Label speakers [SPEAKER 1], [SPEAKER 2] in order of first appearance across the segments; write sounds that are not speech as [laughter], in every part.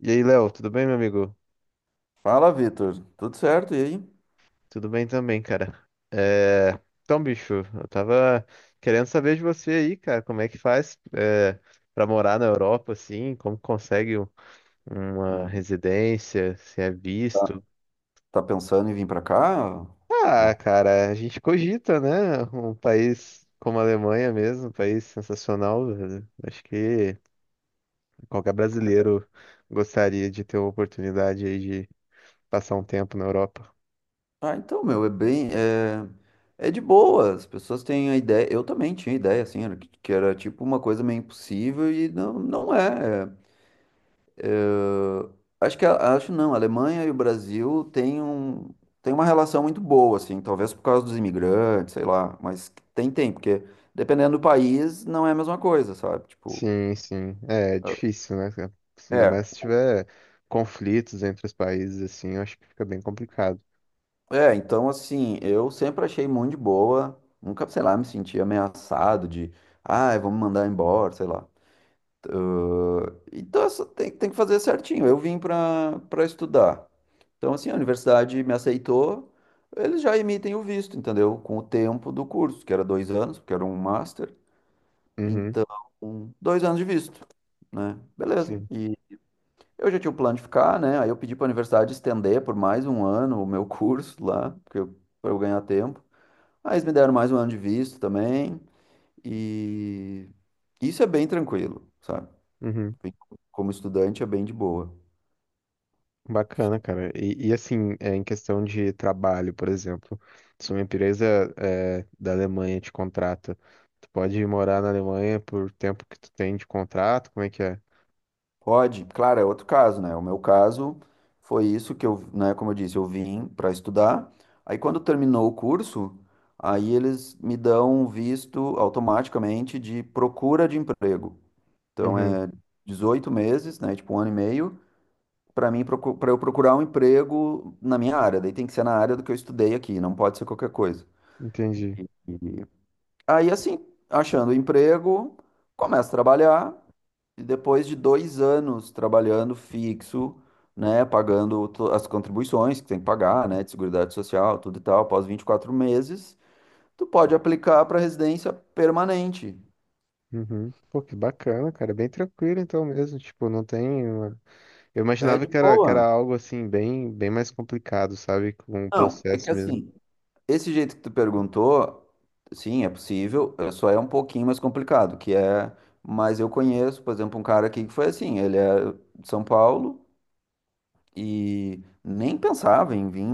[SPEAKER 1] E aí, Léo, tudo bem, meu amigo?
[SPEAKER 2] Fala, Vitor. Tudo certo? E aí?
[SPEAKER 1] Tudo bem também, cara. É... Então, bicho, eu tava querendo saber de você aí, cara, como é que faz pra morar na Europa, assim, como consegue uma
[SPEAKER 2] Hum,
[SPEAKER 1] residência, se é
[SPEAKER 2] Tá,
[SPEAKER 1] visto.
[SPEAKER 2] tá pensando em vir pra cá? Uma
[SPEAKER 1] Ah,
[SPEAKER 2] co-
[SPEAKER 1] cara, a gente cogita, né? Um país como a Alemanha mesmo, um país sensacional, velho. Acho que qualquer brasileiro gostaria de ter a oportunidade aí de passar um tempo na Europa.
[SPEAKER 2] Ah, então, meu, é bem. É, é de boa. As pessoas têm a ideia. Eu também tinha ideia, assim, era que era tipo uma coisa meio impossível e não, não é. Acho que acho não. A Alemanha e o Brasil têm uma relação muito boa, assim, talvez por causa dos imigrantes, sei lá, mas porque dependendo do país, não é a mesma coisa, sabe? Tipo,
[SPEAKER 1] Sim, sim. É, é difícil, né, cara?
[SPEAKER 2] é.
[SPEAKER 1] Ainda mais se
[SPEAKER 2] É.
[SPEAKER 1] tiver conflitos entre os países, assim, eu acho que fica bem complicado.
[SPEAKER 2] É, então assim, eu sempre achei muito de boa, nunca, sei lá, me senti ameaçado de, ah, vamos mandar embora, sei lá. Então essa tem, que fazer certinho. Eu vim para estudar. Então assim, a universidade me aceitou, eles já emitem o visto, entendeu? Com o tempo do curso, que era 2 anos, porque era um master,
[SPEAKER 1] Uhum,
[SPEAKER 2] então 2 anos de visto, né? Beleza.
[SPEAKER 1] sim.
[SPEAKER 2] E eu já tinha o plano de ficar, né? Aí eu pedi para a universidade estender por mais um ano o meu [laughs] curso lá, porque eu, para eu ganhar tempo. Aí eles me deram mais um ano de visto também, e isso é bem tranquilo, sabe?
[SPEAKER 1] Uhum.
[SPEAKER 2] Bem- Como estudante é bem de boa.
[SPEAKER 1] Bacana, cara. Assim, é, em questão de trabalho, por exemplo, se uma empresa é, da Alemanha te contrata, tu pode morar na Alemanha por tempo que tu tem de contrato, como é que é?
[SPEAKER 2] Pode, claro, é outro caso, né? O meu caso foi isso que eu, né, como eu disse, eu vim para estudar. Aí quando terminou o curso, aí eles me dão um visto automaticamente de procura de emprego. Então
[SPEAKER 1] Uhum,
[SPEAKER 2] é 18 meses, né, tipo um ano e meio, para eu procurar um emprego na minha área. Daí tem que ser na área do que eu estudei aqui, não pode ser qualquer coisa.
[SPEAKER 1] entendi.
[SPEAKER 2] E aí, assim, achando emprego, começo a trabalhar, e depois de 2 anos trabalhando fixo, né, pagando as contribuições que tem que pagar, né, de seguridade social, tudo e tal, após 24 meses, tu pode aplicar para residência permanente.
[SPEAKER 1] Uhum. Pô, que bacana, cara. É bem tranquilo então mesmo. Tipo, não tem. Eu
[SPEAKER 2] É
[SPEAKER 1] imaginava
[SPEAKER 2] de
[SPEAKER 1] que era
[SPEAKER 2] boa.
[SPEAKER 1] algo assim, bem, bem mais complicado, sabe? Com o
[SPEAKER 2] Não, é que
[SPEAKER 1] processo mesmo.
[SPEAKER 2] assim, esse jeito que tu perguntou, sim, é possível, só é um pouquinho mais complicado, que é, mas eu conheço, por exemplo, um cara aqui que foi assim, ele é de São Paulo, e nem pensava em vir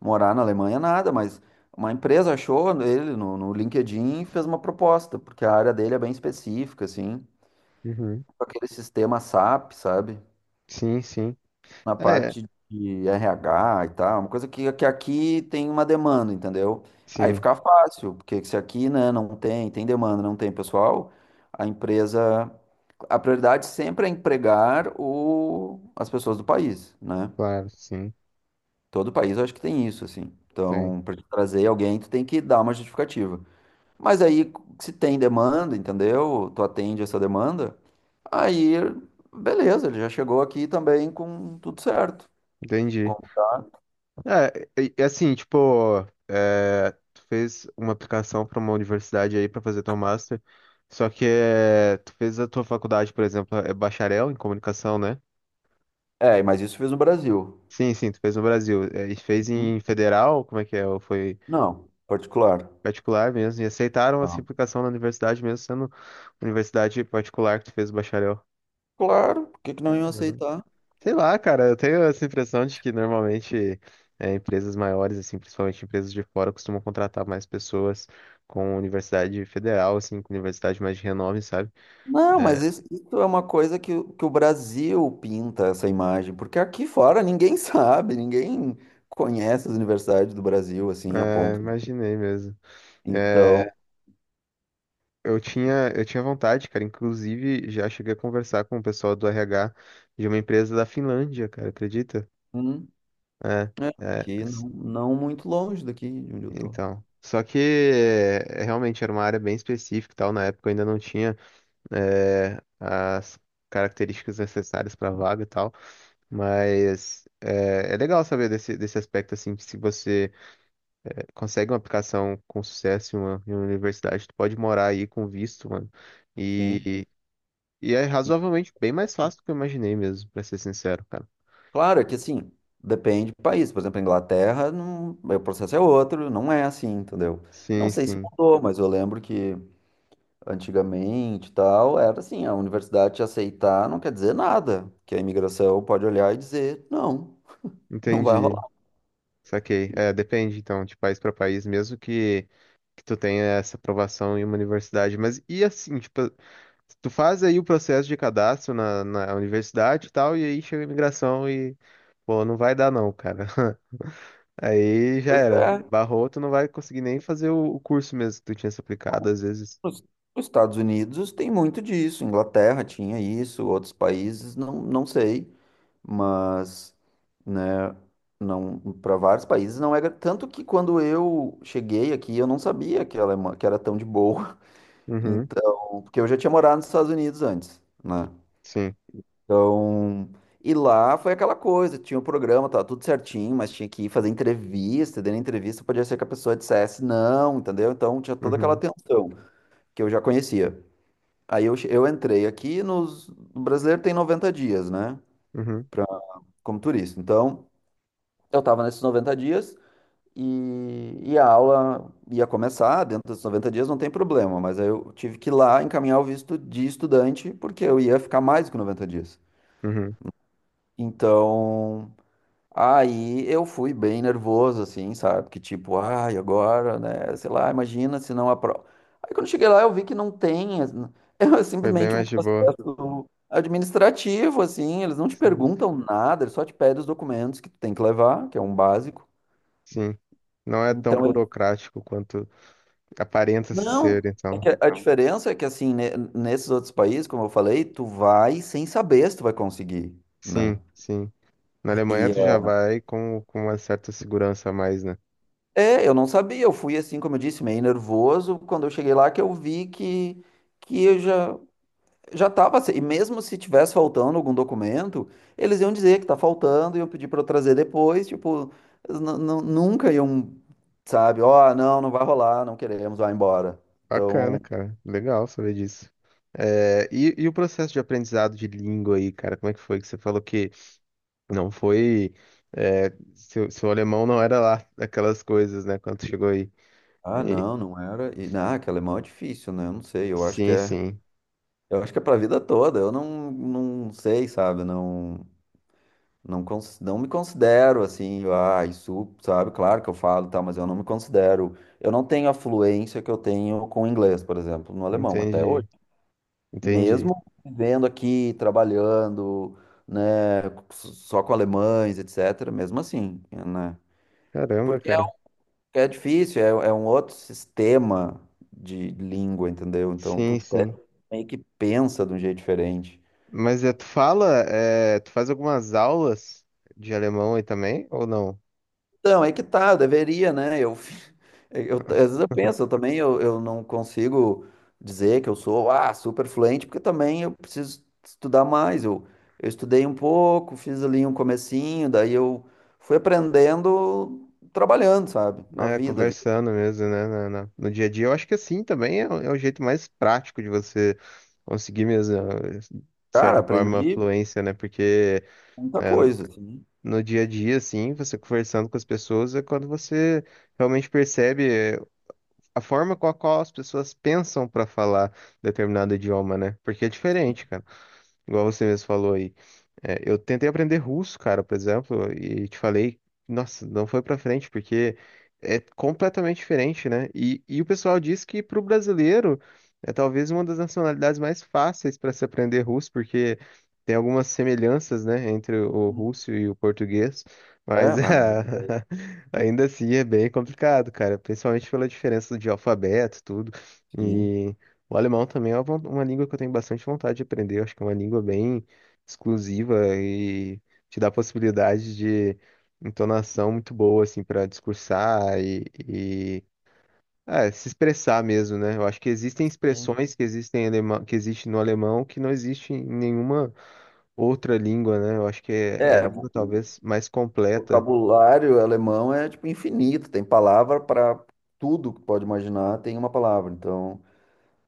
[SPEAKER 2] morar na Alemanha, nada, mas uma empresa achou ele no LinkedIn e fez uma proposta, porque a área dele é bem específica, assim,
[SPEAKER 1] Uhum.
[SPEAKER 2] com aquele sistema SAP, sabe?
[SPEAKER 1] Sim, sim.
[SPEAKER 2] Na
[SPEAKER 1] É,
[SPEAKER 2] parte de RH e tal, uma coisa que aqui tem uma demanda, entendeu? Aí
[SPEAKER 1] sim,
[SPEAKER 2] fica fácil, porque se aqui, né, não tem, tem demanda, não tem pessoal, a empresa. A prioridade sempre é empregar as pessoas do país, né?
[SPEAKER 1] claro, sim.
[SPEAKER 2] Todo país eu acho que tem isso, assim.
[SPEAKER 1] Tem.
[SPEAKER 2] Então, para trazer alguém, tu tem que dar uma justificativa. Mas aí, se tem demanda, entendeu? Tu atende essa demanda, aí, beleza, ele já chegou aqui também com tudo certo.
[SPEAKER 1] Entendi.
[SPEAKER 2] Com-
[SPEAKER 1] É, e assim, tipo, é, tu fez uma aplicação para uma universidade aí para fazer teu master, só que é, tu fez a tua faculdade, por exemplo, é bacharel em comunicação, né?
[SPEAKER 2] É, mas isso fez no Brasil.
[SPEAKER 1] Sim, sim, tu fez no Brasil. É, e fez
[SPEAKER 2] Hum?
[SPEAKER 1] em federal, como é que é? Ou foi.
[SPEAKER 2] Não, particular.
[SPEAKER 1] Particular mesmo. E aceitaram essa
[SPEAKER 2] Tá.
[SPEAKER 1] implicação na universidade mesmo, sendo universidade particular que tu fez o bacharel.
[SPEAKER 2] Claro, por que que não iam
[SPEAKER 1] Caramba.
[SPEAKER 2] aceitar?
[SPEAKER 1] Sei lá, cara, eu tenho essa impressão de que normalmente é, empresas maiores, assim, principalmente empresas de fora, costumam contratar mais pessoas com universidade federal, assim, com universidade mais de renome, sabe?
[SPEAKER 2] Não,
[SPEAKER 1] É.
[SPEAKER 2] mas isso é uma coisa que, que o Brasil pinta essa imagem, porque aqui fora ninguém [laughs] sabe, ninguém conhece as universidades do Brasil, assim, a
[SPEAKER 1] É,
[SPEAKER 2] ponto.
[SPEAKER 1] imaginei mesmo. É,
[SPEAKER 2] Então,
[SPEAKER 1] eu tinha vontade, cara. Inclusive, já cheguei a conversar com o pessoal do RH de uma empresa da Finlândia, cara, acredita?
[SPEAKER 2] hum,
[SPEAKER 1] É,
[SPEAKER 2] É,
[SPEAKER 1] é.
[SPEAKER 2] aqui não, não muito longe daqui de onde eu tô.
[SPEAKER 1] Então, só que é, realmente era uma área bem específica e tal, na época eu ainda não tinha é, as características necessárias para vaga e tal, mas é, é legal saber desse, desse aspecto, assim, que se você é, consegue uma aplicação com sucesso em uma universidade, tu pode morar aí com visto, mano,
[SPEAKER 2] Sim.
[SPEAKER 1] e, e é
[SPEAKER 2] E,
[SPEAKER 1] razoavelmente bem mais fácil do que eu imaginei mesmo, pra ser sincero, cara.
[SPEAKER 2] claro, é que assim, depende do país. Por exemplo, a Inglaterra, não, o processo é outro, não é assim, entendeu? Não
[SPEAKER 1] Sim,
[SPEAKER 2] sei se
[SPEAKER 1] sim,
[SPEAKER 2] mudou, mas eu lembro que antigamente e tal, era assim, a universidade te aceitar não quer dizer nada, que a imigração pode olhar e dizer, não, não vai
[SPEAKER 1] entendi,
[SPEAKER 2] rolar.
[SPEAKER 1] saquei. É, depende, então, de país para país, mesmo que tu tenha essa aprovação em uma universidade. Mas e assim, tipo, tu faz aí o processo de cadastro na, na universidade e tal, e aí chega a imigração e, pô, não vai dar não, cara. [laughs] Aí já
[SPEAKER 2] Pois
[SPEAKER 1] era.
[SPEAKER 2] é,
[SPEAKER 1] Barrou, tu não vai conseguir nem fazer o curso mesmo que tu tinha se aplicado, às vezes.
[SPEAKER 2] Os os Estados Unidos tem muito disso, Inglaterra tinha isso, outros países, não, não sei, mas, né, não, para vários países não era, tanto que quando eu cheguei aqui, eu não sabia que a Alemanha, que era tão de boa, [laughs]
[SPEAKER 1] Uhum,
[SPEAKER 2] então, porque eu já tinha morado nos Estados Unidos antes, né,
[SPEAKER 1] sim.
[SPEAKER 2] então, e lá foi aquela coisa, tinha o programa, tava tudo certinho, mas tinha que ir fazer entrevista, e dentro da entrevista podia ser que a pessoa dissesse não, entendeu, então tinha toda aquela
[SPEAKER 1] Uhum,
[SPEAKER 2] tensão que eu já conhecia. Eu entrei aqui nos, o brasileiro tem 90 dias, né?
[SPEAKER 1] uhum,
[SPEAKER 2] Pra, como turista. Então, eu estava nesses 90 dias e a aula ia começar dentro desses 90 dias, não tem problema. Mas aí eu tive que ir lá encaminhar o visto de estudante, porque eu ia ficar mais que 90 dias.
[SPEAKER 1] uhum.
[SPEAKER 2] Então, aí eu fui bem nervoso, assim, sabe? Porque tipo, ai, agora, né? Sei lá, imagina se não aprova. Aí quando cheguei lá, eu vi que não tem. [laughs] É
[SPEAKER 1] Foi bem
[SPEAKER 2] simplesmente um
[SPEAKER 1] mais de boa.
[SPEAKER 2] processo administrativo, assim. Eles não te
[SPEAKER 1] Sim,
[SPEAKER 2] perguntam nada, eles só te pedem os documentos que tu tem que levar, que é um básico.
[SPEAKER 1] sim. Não é tão
[SPEAKER 2] Então, ele...
[SPEAKER 1] burocrático quanto aparenta-se
[SPEAKER 2] não.
[SPEAKER 1] ser,
[SPEAKER 2] É
[SPEAKER 1] então.
[SPEAKER 2] que a diferença é que, assim, nesses outros países, como eu falei, tu vai sem saber se tu vai conseguir, né?
[SPEAKER 1] Sim, sim. Na Alemanha
[SPEAKER 2] E
[SPEAKER 1] tu já vai com uma certa segurança a mais, né?
[SPEAKER 2] é, eu não sabia, eu fui assim, como eu disse, meio nervoso quando eu cheguei lá que eu vi que eu já já estava, e mesmo se tivesse faltando algum documento, eles iam dizer que tá faltando, iam pedir para eu trazer depois, tipo, eles nunca iam, sabe, ó, não, não vai rolar, não queremos, vai embora.
[SPEAKER 1] Bacana,
[SPEAKER 2] Então,
[SPEAKER 1] cara. Legal saber disso. É, e o processo de aprendizado de língua aí, cara, como é que foi? Que você falou que não foi. É, seu, seu alemão não era lá aquelas coisas, né? Quando chegou aí.
[SPEAKER 2] ah,
[SPEAKER 1] E-
[SPEAKER 2] não, não era, e não, que alemão é difícil, né? Eu não sei,
[SPEAKER 1] sim, sim.
[SPEAKER 2] eu acho que é para vida toda, eu não, não sei, sabe, não. Não, não me considero assim, ah, isso, sabe? Claro que eu falo, tá, mas eu não me considero. Eu não tenho a fluência que eu tenho com o inglês, por exemplo, no alemão, até hoje.
[SPEAKER 1] Entendi. Entendi.
[SPEAKER 2] Mesmo vivendo aqui, trabalhando, né, só com alemães, etc., mesmo assim, né?
[SPEAKER 1] Caramba,
[SPEAKER 2] Porque
[SPEAKER 1] cara.
[SPEAKER 2] é, é difícil, é, é um outro sistema de língua, entendeu? Então,
[SPEAKER 1] Sim,
[SPEAKER 2] tu
[SPEAKER 1] sim.
[SPEAKER 2] meio que pensa de um jeito diferente.
[SPEAKER 1] Mas é, tu fala, é, tu faz algumas aulas de alemão aí também, ou não?
[SPEAKER 2] Então, é que tá, deveria, né? Eu, [laughs] eu, às vezes eu penso, eu não consigo dizer que eu sou ah, super fluente, porque também eu preciso estudar mais. Eu estudei um pouco, fiz ali um comecinho, daí eu fui aprendendo trabalhando, sabe? Na
[SPEAKER 1] É,
[SPEAKER 2] vida.
[SPEAKER 1] conversando mesmo, né? No dia a dia. Eu acho que assim também é, o é o jeito mais prático de você conseguir mesmo, eh, de
[SPEAKER 2] Cara,
[SPEAKER 1] certa forma,
[SPEAKER 2] aprendi
[SPEAKER 1] fluência, né? Porque
[SPEAKER 2] muita
[SPEAKER 1] né,
[SPEAKER 2] coisa, assim.
[SPEAKER 1] no dia a dia, assim, você conversando com as pessoas é quando você realmente percebe eh, a forma com a qual as pessoas pensam para falar determinado idioma, né? Porque é diferente, cara. Igual você mesmo falou aí. É, eu tentei aprender russo, cara, por exemplo, e te falei, nossa, não foi pra frente, porque é completamente diferente, né? E o pessoal diz que pro brasileiro é talvez uma das nacionalidades mais fáceis para se aprender russo, porque tem algumas semelhanças, né, entre o russo e o português,
[SPEAKER 2] É,
[SPEAKER 1] mas [laughs]
[SPEAKER 2] mas não tem ideia,
[SPEAKER 1] ah, ainda assim é bem complicado, cara, principalmente pela diferença de alfabeto, tudo.
[SPEAKER 2] sim.
[SPEAKER 1] E o alemão também é uma, uma língua que eu tenho bastante vontade de aprender, eu acho que é uma língua bem exclusiva e te dá possibilidade de entonação muito boa, assim, para discursar e, é, se expressar mesmo, né? Eu acho que existem
[SPEAKER 2] Sim.
[SPEAKER 1] expressões que existem em alemão, que existe no alemão que não existe em nenhuma outra língua, né? Eu acho que é, é a
[SPEAKER 2] É,
[SPEAKER 1] língua talvez mais
[SPEAKER 2] o
[SPEAKER 1] completa,
[SPEAKER 2] vocabulário alemão é tipo infinito, tem palavra para tudo que tu pode imaginar, tem uma palavra. Então,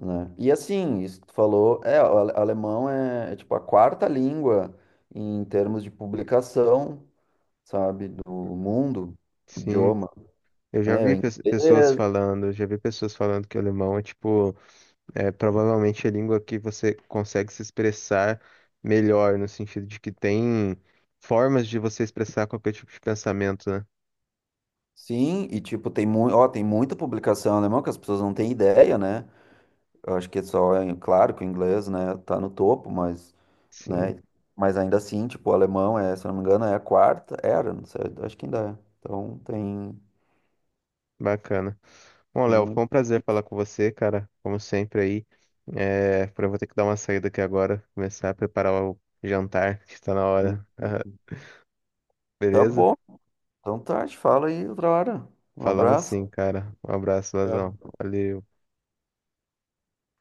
[SPEAKER 2] né? E assim, isso que tu falou, é, o alemão é, é, tipo a quarta língua em termos de publicação, sabe, do mundo,
[SPEAKER 1] sim.
[SPEAKER 2] idioma,
[SPEAKER 1] Eu já
[SPEAKER 2] né? É o
[SPEAKER 1] vi pessoas
[SPEAKER 2] inglês,
[SPEAKER 1] falando, eu já vi pessoas falando que o alemão é tipo. É provavelmente a língua que você consegue se expressar melhor, no sentido de que tem formas de você expressar qualquer tipo de pensamento, né?
[SPEAKER 2] sim, e tipo tem muito, ó, tem muita publicação alemã que as pessoas não têm ideia, né? Eu acho que é só, é claro que o inglês, né, tá no topo, mas,
[SPEAKER 1] Sim,
[SPEAKER 2] né, mas ainda assim, tipo, o alemão é, se eu não me engano, é a quarta, era, não sei, acho que ainda é.
[SPEAKER 1] bacana. Bom,
[SPEAKER 2] Tem
[SPEAKER 1] Léo, foi um prazer falar com você, cara, como sempre aí. É, eu vou ter que dar uma saída aqui agora, começar a preparar o jantar, [laughs] que está na hora.
[SPEAKER 2] muito-
[SPEAKER 1] [laughs]
[SPEAKER 2] Tá
[SPEAKER 1] Beleza?
[SPEAKER 2] bom. Então tá, a gente fala aí outra hora. Um
[SPEAKER 1] Falamos
[SPEAKER 2] abraço.
[SPEAKER 1] sim, cara. Um abraço,
[SPEAKER 2] Tchau.
[SPEAKER 1] Lazão. Valeu.